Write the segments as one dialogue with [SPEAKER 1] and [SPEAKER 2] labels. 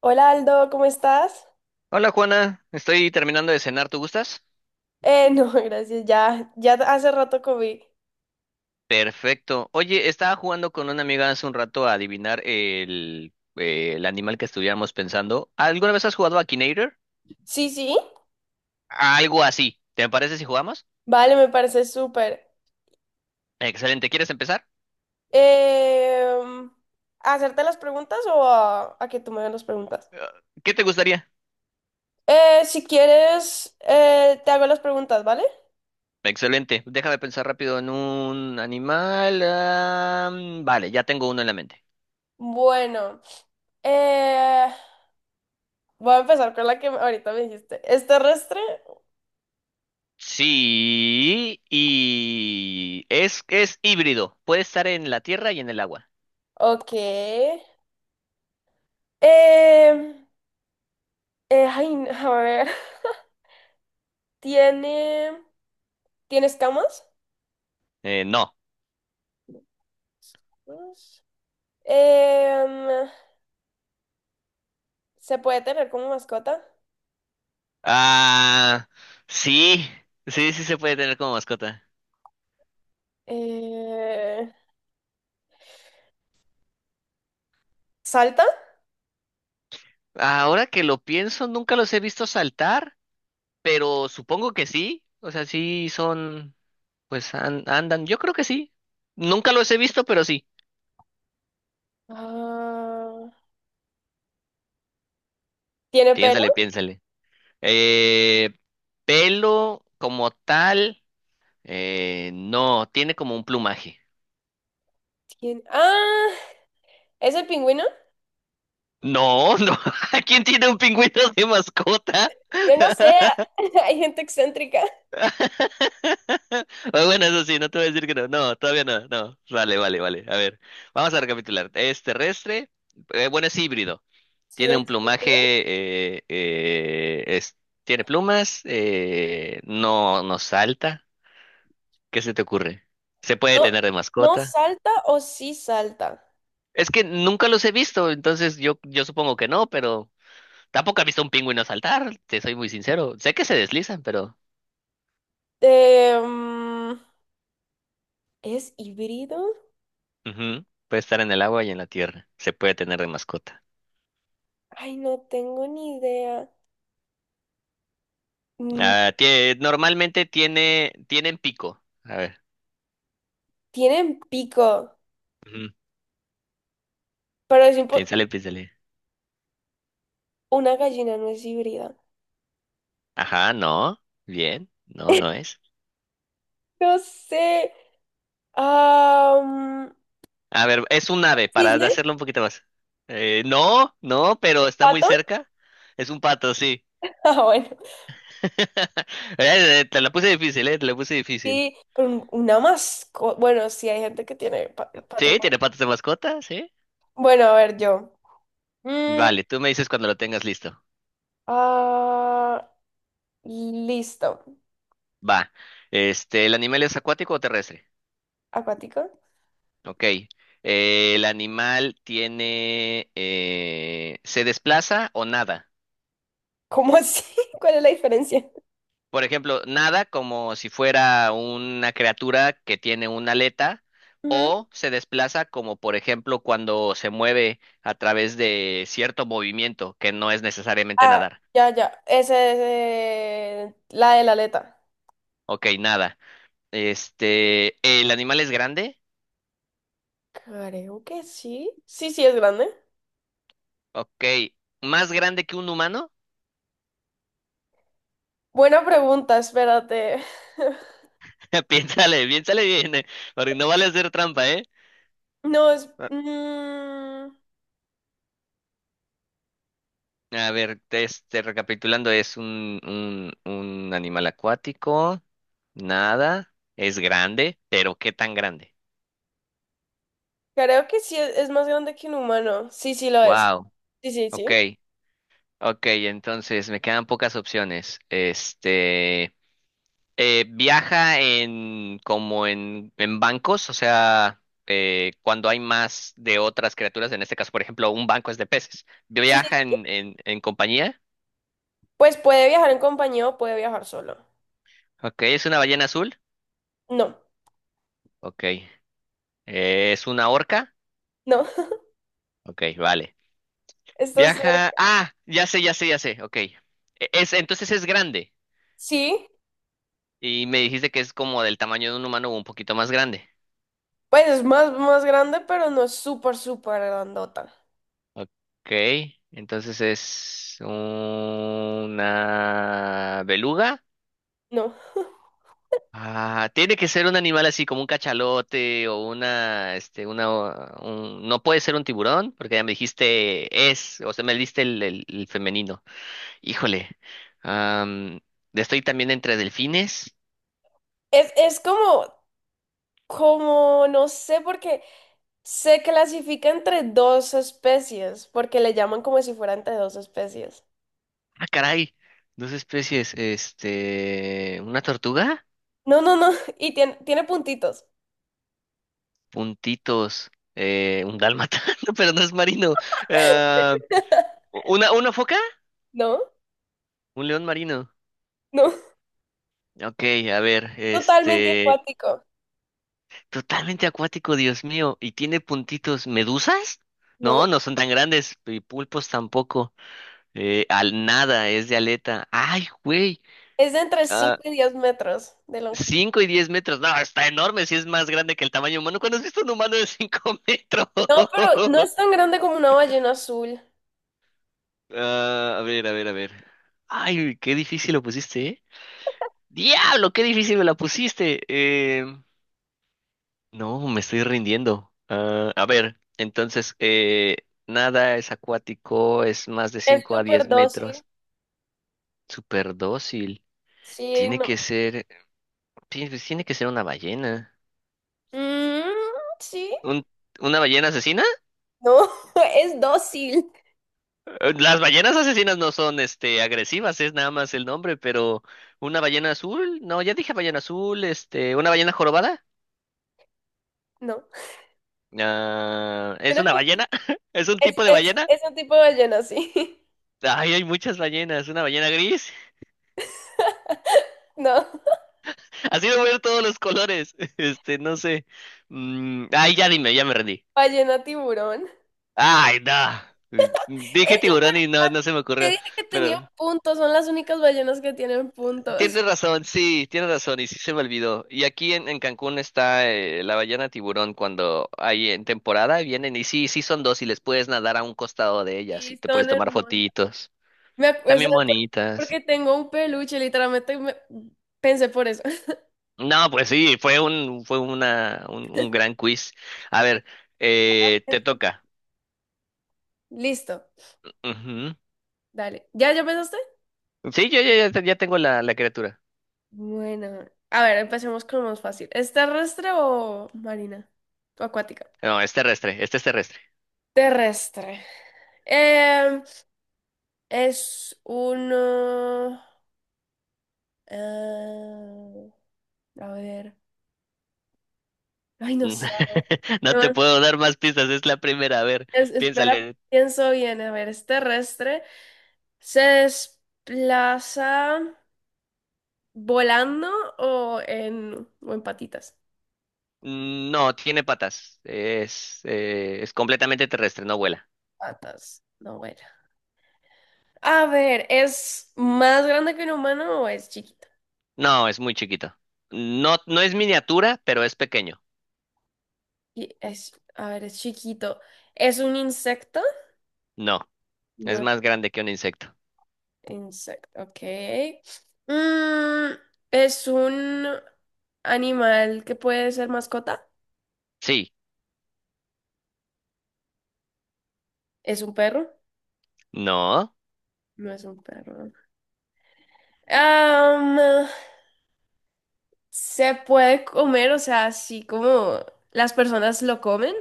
[SPEAKER 1] Hola Aldo, ¿cómo estás?
[SPEAKER 2] Hola Juana, estoy terminando de cenar, ¿tú gustas?
[SPEAKER 1] No, gracias, ya hace rato comí.
[SPEAKER 2] Perfecto. Oye, estaba jugando con una amiga hace un rato a adivinar el animal que estuviéramos pensando. ¿Alguna vez has jugado a Akinator?
[SPEAKER 1] Sí, sí,
[SPEAKER 2] Algo así. ¿Te parece si jugamos?
[SPEAKER 1] vale, me parece súper.
[SPEAKER 2] Excelente, ¿quieres empezar?
[SPEAKER 1] Em, ¿Hacerte las preguntas o a que tú me hagas las preguntas?
[SPEAKER 2] Eh, ¿Qué te gustaría?
[SPEAKER 1] Si quieres, te hago las preguntas, ¿vale?
[SPEAKER 2] Excelente, déjame pensar rápido en un animal. Vale, ya tengo uno en la mente.
[SPEAKER 1] Bueno, eh, voy a empezar con la que ahorita me dijiste. ¿Es terrestre?
[SPEAKER 2] Sí, y es híbrido, puede estar en la tierra y en el agua.
[SPEAKER 1] Ok. Em, ay, no, a ver, ¿tiene, ¿tiene escamas?
[SPEAKER 2] No.
[SPEAKER 1] Em, ¿Se puede tener como mascota?
[SPEAKER 2] Ah, sí, sí, sí se puede tener como mascota.
[SPEAKER 1] Eh, ¿Salta?
[SPEAKER 2] Ahora que lo pienso, nunca los he visto saltar, pero supongo que sí. O sea, sí son, pues andan, yo creo que sí. Nunca los he visto, pero sí.
[SPEAKER 1] Ah, ¿tiene pelo?
[SPEAKER 2] Piénsale, piénsale. Eh, Pelo como tal, no, tiene como un plumaje.
[SPEAKER 1] Ah, ¿es el pingüino?
[SPEAKER 2] No, no. ¿Quién tiene un pingüino de mascota?
[SPEAKER 1] Yo no sé, hay gente excéntrica.
[SPEAKER 2] Ah, bueno, eso sí, no te voy a decir que no. No, todavía no, no. Vale, vale, vale. A ver, vamos a recapitular. Es terrestre, bueno, es híbrido.
[SPEAKER 1] Sí,
[SPEAKER 2] Tiene un
[SPEAKER 1] es
[SPEAKER 2] plumaje,
[SPEAKER 1] cierto.
[SPEAKER 2] eh, eh, es- tiene plumas, no, no salta. ¿Qué se te ocurre? ¿Se puede
[SPEAKER 1] No,
[SPEAKER 2] tener de
[SPEAKER 1] ¿no
[SPEAKER 2] mascota?
[SPEAKER 1] salta o sí salta?
[SPEAKER 2] Es que nunca los he visto, entonces yo supongo que no, pero tampoco he visto un pingüino saltar, te soy muy sincero. Sé que se deslizan, pero
[SPEAKER 1] Em, ¿Es híbrido?
[SPEAKER 2] ujú, puede estar en el agua y en la tierra. Se puede tener de mascota.
[SPEAKER 1] Ay, no tengo ni idea. Mm.
[SPEAKER 2] Ah, normalmente tienen pico. A ver,
[SPEAKER 1] Tienen pico,
[SPEAKER 2] ujú,
[SPEAKER 1] pero
[SPEAKER 2] piénsale, piénsale.
[SPEAKER 1] una gallina no es híbrida.
[SPEAKER 2] Ajá, no, bien, no, no es.
[SPEAKER 1] No sé. ah
[SPEAKER 2] A ver, es un ave, para
[SPEAKER 1] ¿Cisne?
[SPEAKER 2] hacerlo un poquito más. No, no, pero
[SPEAKER 1] ¿Un
[SPEAKER 2] está muy
[SPEAKER 1] pato?
[SPEAKER 2] cerca. Es un pato, sí.
[SPEAKER 1] Ah, bueno.
[SPEAKER 2] Te la puse difícil, te la puse difícil.
[SPEAKER 1] Sí, pero una mascota. Bueno, sí, hay gente que tiene patos,
[SPEAKER 2] Sí,
[SPEAKER 1] ¿no?
[SPEAKER 2] tiene patas de mascota, sí.
[SPEAKER 1] Bueno, a ver, yo. Mm,
[SPEAKER 2] Vale, tú me dices cuando lo tengas listo.
[SPEAKER 1] ah, listo.
[SPEAKER 2] Va. Este, ¿el animal es acuático o terrestre?
[SPEAKER 1] ¿Acuático?
[SPEAKER 2] Ok. El animal ¿se desplaza o nada?
[SPEAKER 1] ¿Cómo así? ¿Cuál es la diferencia?
[SPEAKER 2] Por ejemplo, nada como si fuera una criatura que tiene una aleta
[SPEAKER 1] Ujú.
[SPEAKER 2] o se desplaza como por ejemplo cuando se mueve a través de cierto movimiento que no es necesariamente
[SPEAKER 1] Ah,
[SPEAKER 2] nadar.
[SPEAKER 1] ya, ya. Ese es la de la aleta.
[SPEAKER 2] Ok, nada. Este, ¿el animal es grande?
[SPEAKER 1] Creo que sí. Sí, sí, es grande.
[SPEAKER 2] Ok, ¿más grande que un humano?
[SPEAKER 1] Buena pregunta, espérate.
[SPEAKER 2] Piénsale, piénsale bien, porque no vale hacer trampa, ¿eh?
[SPEAKER 1] No,
[SPEAKER 2] A ver, este, recapitulando, es un animal acuático, nada, es grande, pero ¿qué tan grande?
[SPEAKER 1] creo que sí es más grande que un humano. Sí, sí lo es.
[SPEAKER 2] Wow,
[SPEAKER 1] Sí, sí, sí.
[SPEAKER 2] ok, ok, entonces me quedan pocas opciones. Este, viaja en bancos, o sea, cuando hay más de otras criaturas, en este caso, por ejemplo, un banco es de peces.
[SPEAKER 1] Sí,
[SPEAKER 2] Viaja
[SPEAKER 1] sí.
[SPEAKER 2] en compañía,
[SPEAKER 1] Pues puede viajar en compañía o puede viajar solo.
[SPEAKER 2] ok, es una ballena azul,
[SPEAKER 1] No,
[SPEAKER 2] ok, es una orca,
[SPEAKER 1] no.
[SPEAKER 2] ok, vale.
[SPEAKER 1] Está
[SPEAKER 2] Viaja.
[SPEAKER 1] cerca.
[SPEAKER 2] Ah, ya sé, ya sé, ya sé. Ok. Es, entonces es grande.
[SPEAKER 1] Sí,
[SPEAKER 2] Y me dijiste que es como del tamaño de un humano o un poquito más grande.
[SPEAKER 1] pues es más grande, pero no es súper, súper grandota.
[SPEAKER 2] Ok. Entonces es una beluga.
[SPEAKER 1] No.
[SPEAKER 2] Ah, tiene que ser un animal así como un cachalote o una, este, una, o- un- no puede ser un tiburón porque ya me dijiste es, o sea, me diste el femenino. Híjole. Am, Estoy también entre delfines.
[SPEAKER 1] Es, es como, como, no sé, porque se clasifica entre dos especies, porque le llaman como si fuera entre dos especies.
[SPEAKER 2] Ah, caray. Dos especies. Este. Una tortuga.
[SPEAKER 1] No, no, no. Y tiene puntitos.
[SPEAKER 2] Puntitos. Un dálmata. No, pero no es marino. Ah, una foca.
[SPEAKER 1] No,
[SPEAKER 2] Un león marino.
[SPEAKER 1] no.
[SPEAKER 2] Ok, a ver.
[SPEAKER 1] Totalmente
[SPEAKER 2] Este.
[SPEAKER 1] acuático.
[SPEAKER 2] Totalmente acuático, Dios mío. ¿Y tiene puntitos medusas?
[SPEAKER 1] No.
[SPEAKER 2] No, no son tan grandes. Y pulpos tampoco. Al nada, es de aleta. Ay, güey.
[SPEAKER 1] Es de entre
[SPEAKER 2] Ah,
[SPEAKER 1] 5 y 10 metros de longitud.
[SPEAKER 2] 5 y 10 metros. No, está enorme si es más grande que el tamaño humano. ¿Cuándo has visto un humano de 5 metros?
[SPEAKER 1] No, pero no es tan grande como una ballena azul.
[SPEAKER 2] Ah, a ver, a ver, a ver. Ay, qué difícil lo pusiste, ¿eh? ¡Diablo, qué difícil me la pusiste! No, me estoy rindiendo. Ah, a ver, entonces, nada es acuático, es más de
[SPEAKER 1] Es
[SPEAKER 2] 5 a
[SPEAKER 1] súper
[SPEAKER 2] 10
[SPEAKER 1] dócil.
[SPEAKER 2] metros. Súper dócil.
[SPEAKER 1] Sí,
[SPEAKER 2] Tiene que
[SPEAKER 1] no.
[SPEAKER 2] ser, ti- Pues tiene que ser una ballena.
[SPEAKER 1] Mm, sí.
[SPEAKER 2] ¿Un- ¿Una ballena asesina?
[SPEAKER 1] No, es dócil.
[SPEAKER 2] Las ballenas asesinas no son, este, agresivas, es nada más el nombre, pero una ballena azul, no, ya dije ballena azul, este, una ballena jorobada.
[SPEAKER 1] No.
[SPEAKER 2] Ah, ¿es
[SPEAKER 1] Tiene
[SPEAKER 2] una
[SPEAKER 1] punti-
[SPEAKER 2] ballena? ¿Es un
[SPEAKER 1] Es,
[SPEAKER 2] tipo de
[SPEAKER 1] es,
[SPEAKER 2] ballena?
[SPEAKER 1] es un tipo de ballena, sí.
[SPEAKER 2] Ay, hay muchas ballenas. ¿Una ballena gris?
[SPEAKER 1] No.
[SPEAKER 2] Así de ver todos los colores. Este, no sé. Ay, ya dime, ya me rendí.
[SPEAKER 1] Ballena tiburón.
[SPEAKER 2] Ay, no. Dije
[SPEAKER 1] Es súper
[SPEAKER 2] tiburón y no, no
[SPEAKER 1] fácil.
[SPEAKER 2] se me
[SPEAKER 1] Te
[SPEAKER 2] ocurrió.
[SPEAKER 1] dije que tenía
[SPEAKER 2] Pero
[SPEAKER 1] puntos. Son las únicas ballenas que tienen puntos.
[SPEAKER 2] tienes razón, sí, tienes razón y sí se me olvidó. Y aquí en Cancún está la ballena tiburón cuando hay en temporada vienen y sí, sí son dos y les puedes nadar a un costado de ellas
[SPEAKER 1] Y
[SPEAKER 2] y te puedes
[SPEAKER 1] son
[SPEAKER 2] tomar
[SPEAKER 1] hermosas.
[SPEAKER 2] fotitos.
[SPEAKER 1] Me acuerdo
[SPEAKER 2] También bonitas.
[SPEAKER 1] porque tengo un peluche. Pensé por eso.
[SPEAKER 2] No, pues sí, fue un gran quiz. A ver, te toca.
[SPEAKER 1] Listo.
[SPEAKER 2] Ujú.
[SPEAKER 1] Dale. ¿Ya, ya pensaste?
[SPEAKER 2] Sí, yo ya tengo la criatura.
[SPEAKER 1] Bueno, a ver, empecemos con lo más fácil. ¿Es terrestre o marina? ¿O acuática?
[SPEAKER 2] No, es terrestre, este es terrestre.
[SPEAKER 1] Terrestre. Em, es uno... eh, a ver. Ay, no sé.
[SPEAKER 2] No
[SPEAKER 1] No,
[SPEAKER 2] te puedo dar más pistas, es la primera. A ver,
[SPEAKER 1] espera,
[SPEAKER 2] piénsale.
[SPEAKER 1] pienso bien. A ver, ¿es terrestre? ¿Se desplaza volando o o en patitas?
[SPEAKER 2] No, tiene patas. Es completamente terrestre, no vuela.
[SPEAKER 1] Patas. No, bueno. A ver, ¿es más grande que un humano o es chiquito?
[SPEAKER 2] No, es muy chiquito. No, no es miniatura, pero es pequeño.
[SPEAKER 1] Y es, a ver, es chiquito. ¿Es un insecto?
[SPEAKER 2] No,
[SPEAKER 1] No
[SPEAKER 2] es
[SPEAKER 1] es
[SPEAKER 2] más grande que un insecto.
[SPEAKER 1] insecto, ok. Mm, ¿es un animal que puede ser mascota?
[SPEAKER 2] Sí,
[SPEAKER 1] ¿Es un perro?
[SPEAKER 2] no.
[SPEAKER 1] No es un perro. Am, ¿Se puede comer? O sea, así como las personas lo comen.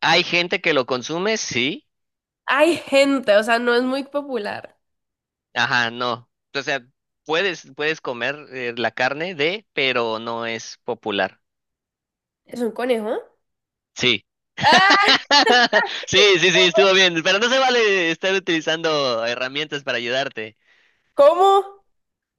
[SPEAKER 2] ¿Hay gente que lo consume? Sí.
[SPEAKER 1] Hay gente, o sea, no es muy popular.
[SPEAKER 2] Ajá, no. O sea, puedes comer la carne de, pero no es popular.
[SPEAKER 1] ¿Es un conejo?
[SPEAKER 2] Sí.
[SPEAKER 1] ¡Ah!
[SPEAKER 2] Sí, sí, sí, estuvo bien. Pero no se vale estar utilizando herramientas para ayudarte.
[SPEAKER 1] ¿Cómo?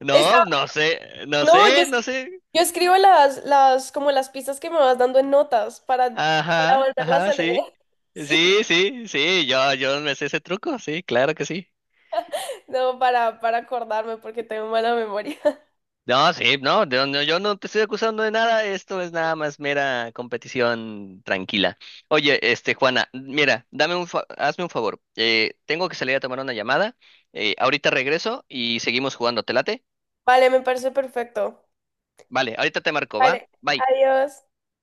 [SPEAKER 2] No, no sé, no
[SPEAKER 1] No,
[SPEAKER 2] sé, no sé.
[SPEAKER 1] yo escribo como las pistas que me vas dando en notas para
[SPEAKER 2] Ajá,
[SPEAKER 1] volverlas
[SPEAKER 2] ajá,
[SPEAKER 1] a leer.
[SPEAKER 2] sí.
[SPEAKER 1] Sí,
[SPEAKER 2] Sí, sí, sí, yo me sé ese truco, sí, claro que sí.
[SPEAKER 1] no, para acordarme porque tengo mala memoria.
[SPEAKER 2] No, sí, no, yo no te estoy acusando de nada, esto es nada más mera competición tranquila. Oye, este, Juana, mira, hazme un favor, tengo que salir a tomar una llamada, ahorita regreso y seguimos jugando, ¿te late?
[SPEAKER 1] Vale, me parece perfecto.
[SPEAKER 2] Vale, ahorita te marco, ¿va?
[SPEAKER 1] Vale,
[SPEAKER 2] Bye.
[SPEAKER 1] adiós.